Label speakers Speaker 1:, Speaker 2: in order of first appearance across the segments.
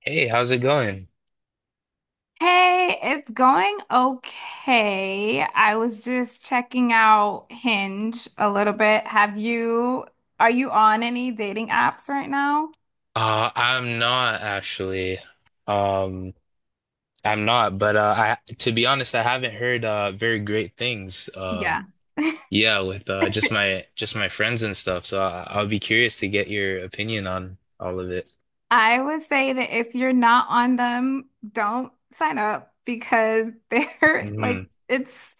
Speaker 1: Hey, how's it going?
Speaker 2: Hey, it's going okay. I was just checking out Hinge a little bit. Are you on any dating apps right now?
Speaker 1: I'm not actually. Um, I'm not, but I to be honest, I haven't heard very great things.
Speaker 2: Yeah.
Speaker 1: Yeah, with just my friends and stuff. So I'll be curious to get your opinion on all of it.
Speaker 2: I would say that if you're not on them, don't sign up because they're like
Speaker 1: Hmm.
Speaker 2: it's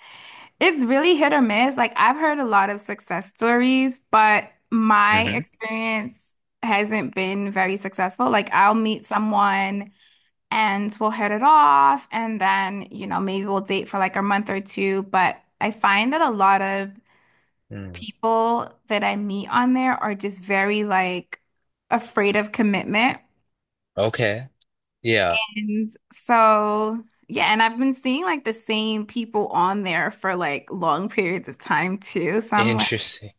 Speaker 2: it's really hit or miss. Like I've heard a lot of success stories, but my
Speaker 1: Hmm.
Speaker 2: experience hasn't been very successful. Like I'll meet someone and we'll hit it off, and then maybe we'll date for like a month or two, but I find that a lot of
Speaker 1: Mm.
Speaker 2: people that I meet on there are just very like afraid of commitment.
Speaker 1: Okay. Yeah.
Speaker 2: And so yeah, and I've been seeing like the same people on there for like long periods of time too, so I'm like
Speaker 1: Interesting.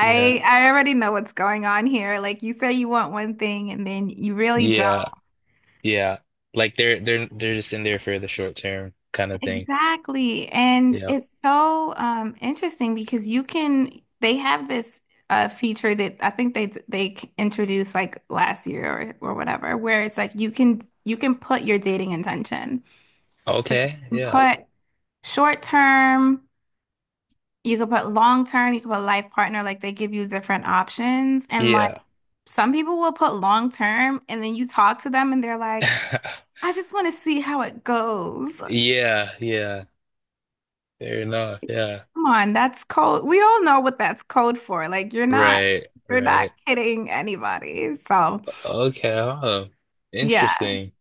Speaker 1: Yeah.
Speaker 2: I already know what's going on here. Like you say you want one thing and then you really don't.
Speaker 1: Yeah. Yeah. Like they're just in there for the short term kind of thing.
Speaker 2: Exactly. And
Speaker 1: Yeah.
Speaker 2: it's so interesting because they have this feature that I think they introduced like last year, or whatever, where it's like you can put your dating intention. So you
Speaker 1: Okay.
Speaker 2: can
Speaker 1: Yeah.
Speaker 2: put short term, you can put long term, you can put life partner, like they give you different options. And like
Speaker 1: Yeah.
Speaker 2: some people will put long term and then you talk to them and they're like, "I just want to see how it goes."
Speaker 1: Yeah, yeah. Fair enough. Yeah.
Speaker 2: Come on, that's code. We all know what that's code for. Like you're not
Speaker 1: Right,
Speaker 2: you're not
Speaker 1: right.
Speaker 2: kidding anybody. So,
Speaker 1: Okay, huh.
Speaker 2: yeah.
Speaker 1: Interesting.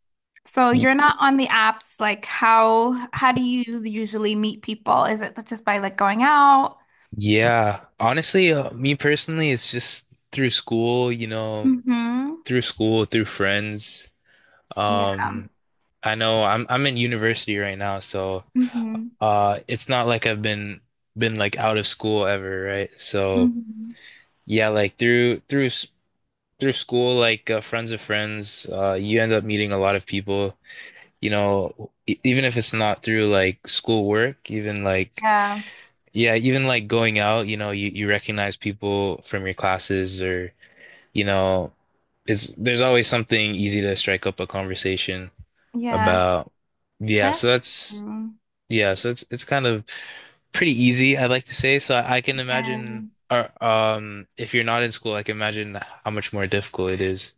Speaker 2: So
Speaker 1: Y-
Speaker 2: you're not on the apps. Like how do you usually meet people? Is it just by like going out?
Speaker 1: Yeah. Honestly, me personally, it's just through school,
Speaker 2: Mm-hmm.
Speaker 1: through school, through friends.
Speaker 2: Yeah.
Speaker 1: Um, I know I'm in university right now, so
Speaker 2: Mm-hmm.
Speaker 1: it's not like I've been like out of school ever, right? So
Speaker 2: Mm-hmm.
Speaker 1: yeah, like through school, like friends of friends, you end up meeting a lot of people you know, even if it's not through like schoolwork, even like,
Speaker 2: Yeah.
Speaker 1: yeah, even like going out, you know, you recognize people from your classes or, you know, there's always something easy to strike up a conversation
Speaker 2: Yeah.
Speaker 1: about. Yeah.
Speaker 2: That's true.
Speaker 1: Yeah. So it's kind of pretty easy, I'd like to say. So I can
Speaker 2: Yeah.
Speaker 1: imagine, or, if you're not in school, I can imagine how much more difficult it is.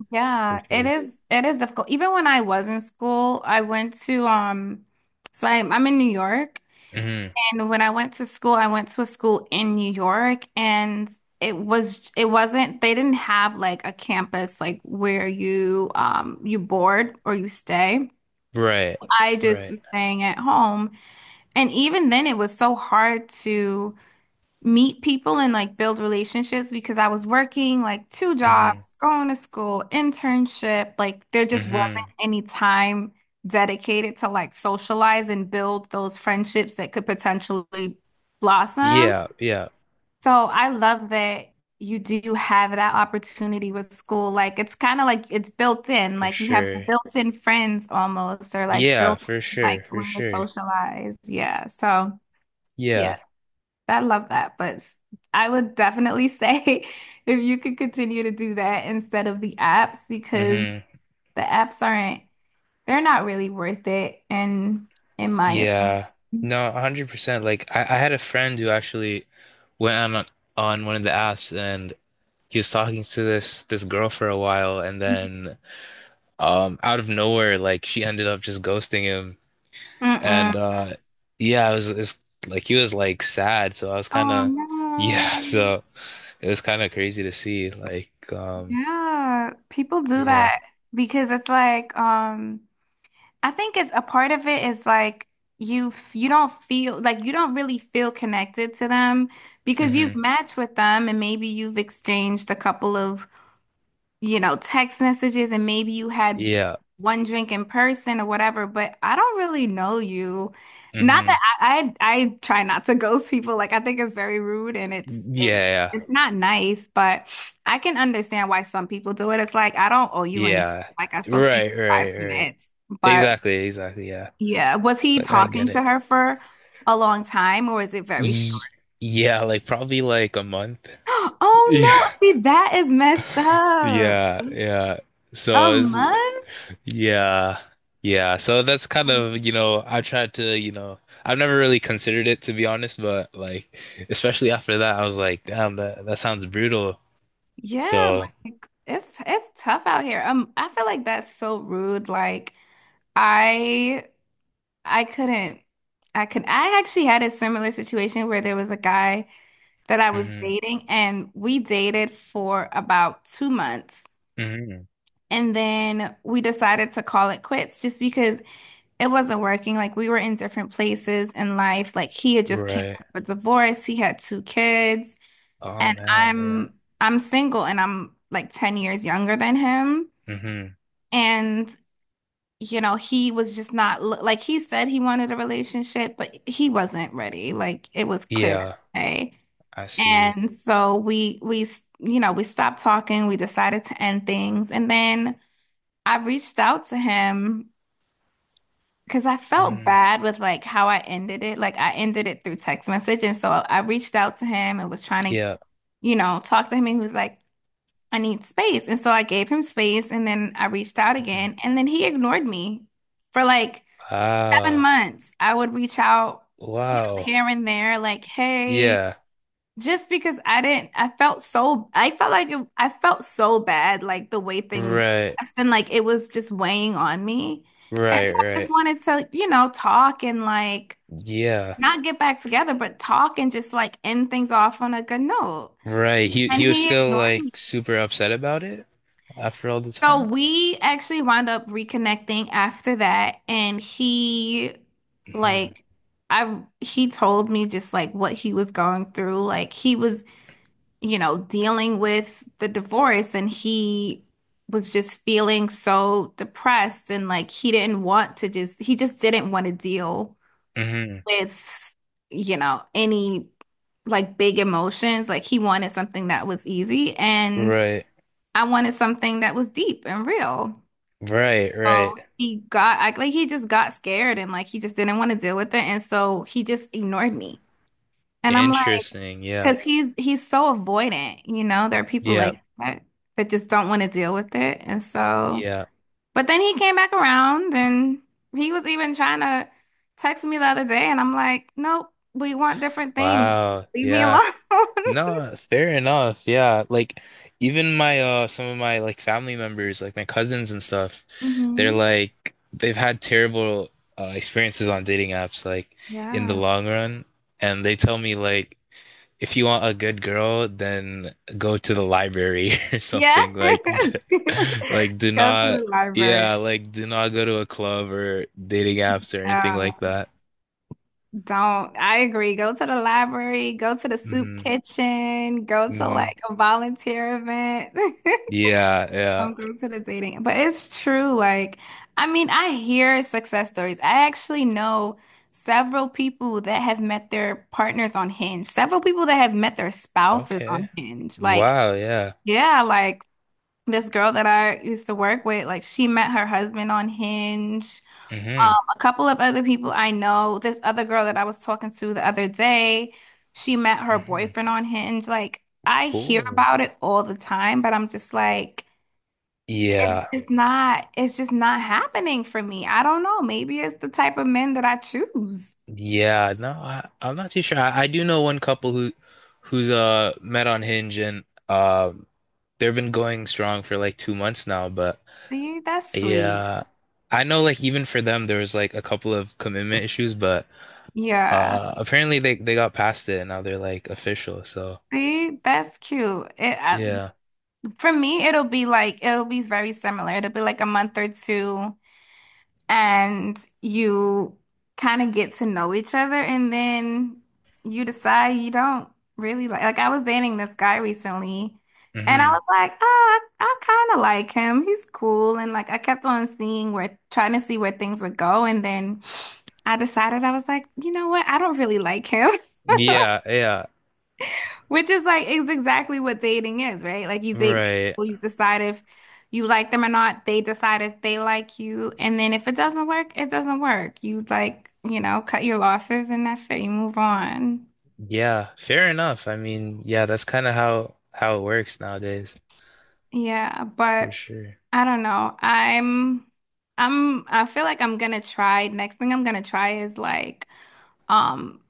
Speaker 1: For
Speaker 2: Yeah. It
Speaker 1: sure.
Speaker 2: is it is difficult. Even when I was in school, I went to so I, I'm in New York.
Speaker 1: Hmm.
Speaker 2: And when I went to school, I went to a school in New York, and it wasn't, they didn't have like a campus like where you board or you stay.
Speaker 1: Right.
Speaker 2: I just
Speaker 1: Right.
Speaker 2: was staying at home. And even then it was so hard to meet people and like build relationships because I was working like two
Speaker 1: Hmm.
Speaker 2: jobs, going to school, internship. Like there just wasn't
Speaker 1: Hmm.
Speaker 2: any time dedicated to like socialize and build those friendships that could potentially blossom.
Speaker 1: Yeah, yeah,
Speaker 2: So I love that you do have that opportunity with school. Like it's kind of like it's built in,
Speaker 1: for
Speaker 2: like you have
Speaker 1: sure.
Speaker 2: built-in friends almost, or like
Speaker 1: Yeah,
Speaker 2: built
Speaker 1: for sure,
Speaker 2: like a
Speaker 1: for
Speaker 2: way to
Speaker 1: sure.
Speaker 2: socialize. Yeah. So. Yeah.
Speaker 1: Yeah.
Speaker 2: I love that, but I would definitely say, if you could continue to do that instead of the apps, because
Speaker 1: Hmm.
Speaker 2: the apps aren't, they're not really worth it, in my opinion.
Speaker 1: Yeah. No, 100%. Like I had a friend who actually went on one of the apps and he was talking to this girl for a while and then out of nowhere like she ended up just ghosting him
Speaker 2: Mm-mm.
Speaker 1: and yeah, it's like he was like sad, so I was kind
Speaker 2: Oh
Speaker 1: of yeah,
Speaker 2: no.
Speaker 1: so it was kind of crazy to see like
Speaker 2: Yeah, people do
Speaker 1: yeah.
Speaker 2: that because it's like, I think it's a part of it is like you don't feel like you don't really feel connected to them because you've
Speaker 1: Hmm.
Speaker 2: matched with them and maybe you've exchanged a couple of text messages, and maybe you had
Speaker 1: Yeah.
Speaker 2: one drink in person or whatever, but I don't really know you. Not
Speaker 1: Hmm.
Speaker 2: that I try not to ghost people. Like I think it's very rude and it's it's
Speaker 1: Yeah.
Speaker 2: it's not nice, but I can understand why some people do it. It's like I don't owe you anything.
Speaker 1: Yeah.
Speaker 2: Like I spoke to you
Speaker 1: Right,
Speaker 2: for five
Speaker 1: right, right.
Speaker 2: minutes. But
Speaker 1: Exactly, exactly. Yeah.
Speaker 2: yeah, was he
Speaker 1: Like I get
Speaker 2: talking to
Speaker 1: it.
Speaker 2: her for a long time or is it very short?
Speaker 1: Y Yeah, like probably like a month.
Speaker 2: Oh
Speaker 1: Yeah.
Speaker 2: no, see that is messed up.
Speaker 1: Yeah, yeah. So
Speaker 2: A
Speaker 1: it's
Speaker 2: month?
Speaker 1: yeah. Yeah. So that's kind of, you know, I tried to, you know, I've never really considered it to be honest, but like especially after that I was like, damn, that that sounds brutal.
Speaker 2: Yeah,
Speaker 1: So,
Speaker 2: like it's tough out here. I feel like that's so rude. Like I I couldn't I could I actually had a similar situation where there was a guy that I was
Speaker 1: hmm,
Speaker 2: dating and we dated for about 2 months,
Speaker 1: hmm.
Speaker 2: and then we decided to call it quits just because it wasn't working. Like we were in different places in life. Like he had just came
Speaker 1: Right.
Speaker 2: out of a divorce, he had two kids,
Speaker 1: Oh
Speaker 2: and
Speaker 1: man, yeah.
Speaker 2: I'm single and I'm like 10 years younger than him.
Speaker 1: Hmm.
Speaker 2: And, he was just not like he said he wanted a relationship, but he wasn't ready. Like it was clear
Speaker 1: Yeah.
Speaker 2: as day.
Speaker 1: I see.
Speaker 2: And so we stopped talking, we decided to end things, and then I reached out to him because I felt
Speaker 1: Mm,
Speaker 2: bad with like how I ended it. Like I ended it through text message, and so I reached out to him and was trying to,
Speaker 1: yeah.
Speaker 2: you know, talk to him, and he was like, "I need space." And so I gave him space, and then I reached out
Speaker 1: Mhm.
Speaker 2: again, and then he ignored me for like seven
Speaker 1: Wow.
Speaker 2: months, I would reach out,
Speaker 1: Wow.
Speaker 2: here and there, like, "Hey,"
Speaker 1: Yeah.
Speaker 2: just because I didn't, I felt so bad, like the way things,
Speaker 1: Right.
Speaker 2: and like it was just weighing on me. And
Speaker 1: Right.
Speaker 2: so I just
Speaker 1: Right.
Speaker 2: wanted to, talk and like
Speaker 1: Yeah.
Speaker 2: not get back together, but talk and just like end things off on a good note.
Speaker 1: Right.
Speaker 2: And
Speaker 1: He was
Speaker 2: he
Speaker 1: still
Speaker 2: ignored
Speaker 1: like super upset about it after all the
Speaker 2: So
Speaker 1: time.
Speaker 2: we actually wound up reconnecting after that, and
Speaker 1: Hmm.
Speaker 2: like he told me just like what he was going through. Like he was, dealing with the divorce, and he was just feeling so depressed, and like he just didn't want to deal
Speaker 1: Hmm.
Speaker 2: with, any like big emotions. Like he wanted something that was easy, and
Speaker 1: Right.
Speaker 2: I wanted something that was deep and real.
Speaker 1: Right. Right.
Speaker 2: Oh, like he just got scared and like he just didn't want to deal with it, and so he just ignored me. And I'm like,
Speaker 1: Interesting. Yeah.
Speaker 2: because he's so avoidant, There are people
Speaker 1: Yeah.
Speaker 2: like that that just don't want to deal with it, and so.
Speaker 1: Yeah.
Speaker 2: But then he came back around, and he was even trying to text me the other day, and I'm like, nope, we want different things.
Speaker 1: Wow.
Speaker 2: Leave me
Speaker 1: Yeah.
Speaker 2: alone.
Speaker 1: No, fair enough. Yeah, like even my some of my like family members, like my cousins and stuff, they're
Speaker 2: Hmm.
Speaker 1: like they've had terrible experiences on dating apps like in the
Speaker 2: Yeah.
Speaker 1: long run, and they tell me like if you want a good girl, then go to the library or
Speaker 2: Yeah.
Speaker 1: something like d like do
Speaker 2: Go to
Speaker 1: not
Speaker 2: the
Speaker 1: yeah,
Speaker 2: library.
Speaker 1: like do not go to a club or dating apps or anything
Speaker 2: Yeah.
Speaker 1: like that.
Speaker 2: Don't, I agree. Go to the library, go to the soup
Speaker 1: Hmm.
Speaker 2: kitchen, go to
Speaker 1: Hmm.
Speaker 2: like a volunteer event.
Speaker 1: Yeah, yeah.
Speaker 2: Don't go to the dating. But it's true. Like, I mean, I hear success stories. I actually know several people that have met their partners on Hinge, several people that have met their spouses
Speaker 1: Okay.
Speaker 2: on Hinge. Like,
Speaker 1: Wow, yeah.
Speaker 2: yeah, like this girl that I used to work with, like, she met her husband on Hinge.
Speaker 1: Mm-hmm.
Speaker 2: A couple of other people I know, this other girl that I was talking to the other day, she met her
Speaker 1: Hmm.
Speaker 2: boyfriend on Hinge. Like, I hear
Speaker 1: Cool.
Speaker 2: about it all the time, but I'm just like,
Speaker 1: Yeah.
Speaker 2: it's just not happening for me. I don't know. Maybe it's the type of men that I choose.
Speaker 1: Yeah. No, I'm not too sure. I do know one couple who who's met on Hinge and they've been going strong for like 2 months now, but
Speaker 2: See, that's sweet.
Speaker 1: yeah. I know like even for them there was like a couple of commitment issues, but
Speaker 2: Yeah.
Speaker 1: apparently they got past it and now they're like official. So
Speaker 2: See, that's cute.
Speaker 1: yeah.
Speaker 2: For me, it'll be very similar. It'll be like a month or two. And you kind of get to know each other, and then you decide you don't really like I was dating this guy recently and I
Speaker 1: Hmm.
Speaker 2: was like, "Oh, I kind of like him. He's cool." And like I kept on seeing where trying to see where things would go, and then I decided I was like, "You know what? I don't really like him."
Speaker 1: Yeah, yeah.
Speaker 2: Which is exactly what dating is, right? Like you date
Speaker 1: Right.
Speaker 2: people, you decide if you like them or not, they decide if they like you, and then if it doesn't work, it doesn't work. You like, cut your losses and that's it. You move on.
Speaker 1: Yeah. Fair enough. I mean, yeah, that's kind of how it works nowadays.
Speaker 2: Yeah,
Speaker 1: For
Speaker 2: but
Speaker 1: sure.
Speaker 2: I don't know. I feel like I'm gonna try. Next thing I'm gonna try is um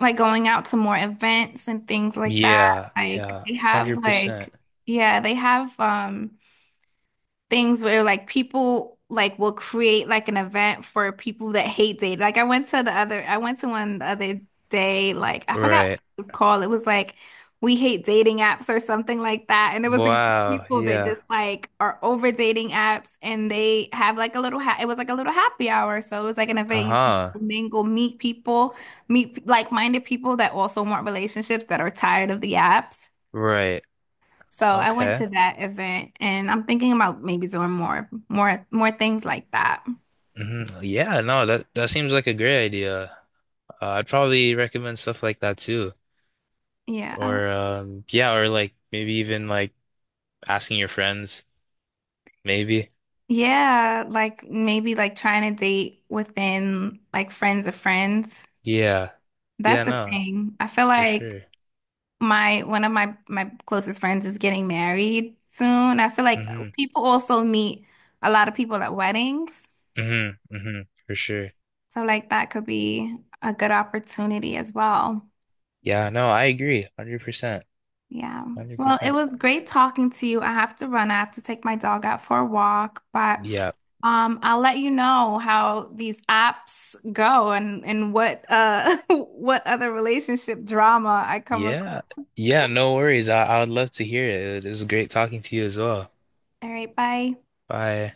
Speaker 2: like going out to more events and things like that.
Speaker 1: Yeah,
Speaker 2: Like
Speaker 1: yeah,
Speaker 2: they have
Speaker 1: 100%.
Speaker 2: like, yeah, they have things where like people like will create like an event for people that hate dating. Like I went to one the other day, like I forgot what
Speaker 1: Right.
Speaker 2: it was called. It was like "we hate dating apps" or something like that. And there was a group of
Speaker 1: Wow,
Speaker 2: people that
Speaker 1: yeah.
Speaker 2: just like are over dating apps, and they have like a little ha it was like a little happy hour. So it was like an event you can
Speaker 1: Uh-huh.
Speaker 2: go mingle, meet people, meet like-minded people that also want relationships that are tired of the apps.
Speaker 1: Right.
Speaker 2: So I went
Speaker 1: Okay.
Speaker 2: to that event and I'm thinking about maybe doing more, more, more things like that.
Speaker 1: Hmm. Yeah, no, that that seems like a great idea. I'd probably recommend stuff like that too.
Speaker 2: Yeah.
Speaker 1: Or yeah, or like maybe even like asking your friends, maybe.
Speaker 2: Yeah. Like maybe like trying to date within like friends of friends.
Speaker 1: Yeah.
Speaker 2: That's
Speaker 1: Yeah,
Speaker 2: the
Speaker 1: no,
Speaker 2: thing. I feel
Speaker 1: for
Speaker 2: like
Speaker 1: sure.
Speaker 2: one of my closest friends is getting married soon. I feel like
Speaker 1: Hmm.
Speaker 2: people also meet a lot of people at weddings.
Speaker 1: Hmm. Hmm. For sure.
Speaker 2: So like that could be a good opportunity as well.
Speaker 1: Yeah, no, I agree. 100%.
Speaker 2: Yeah. Well, it
Speaker 1: 100%.
Speaker 2: was great talking to you. I have to run. I have to take my dog out for a walk, but
Speaker 1: Yeah.
Speaker 2: I'll let you know how these apps go, and what what other relationship drama I come across.
Speaker 1: Yeah. Yeah, no worries. I would love to hear it. It was great talking to you as well.
Speaker 2: All right, bye.
Speaker 1: Bye.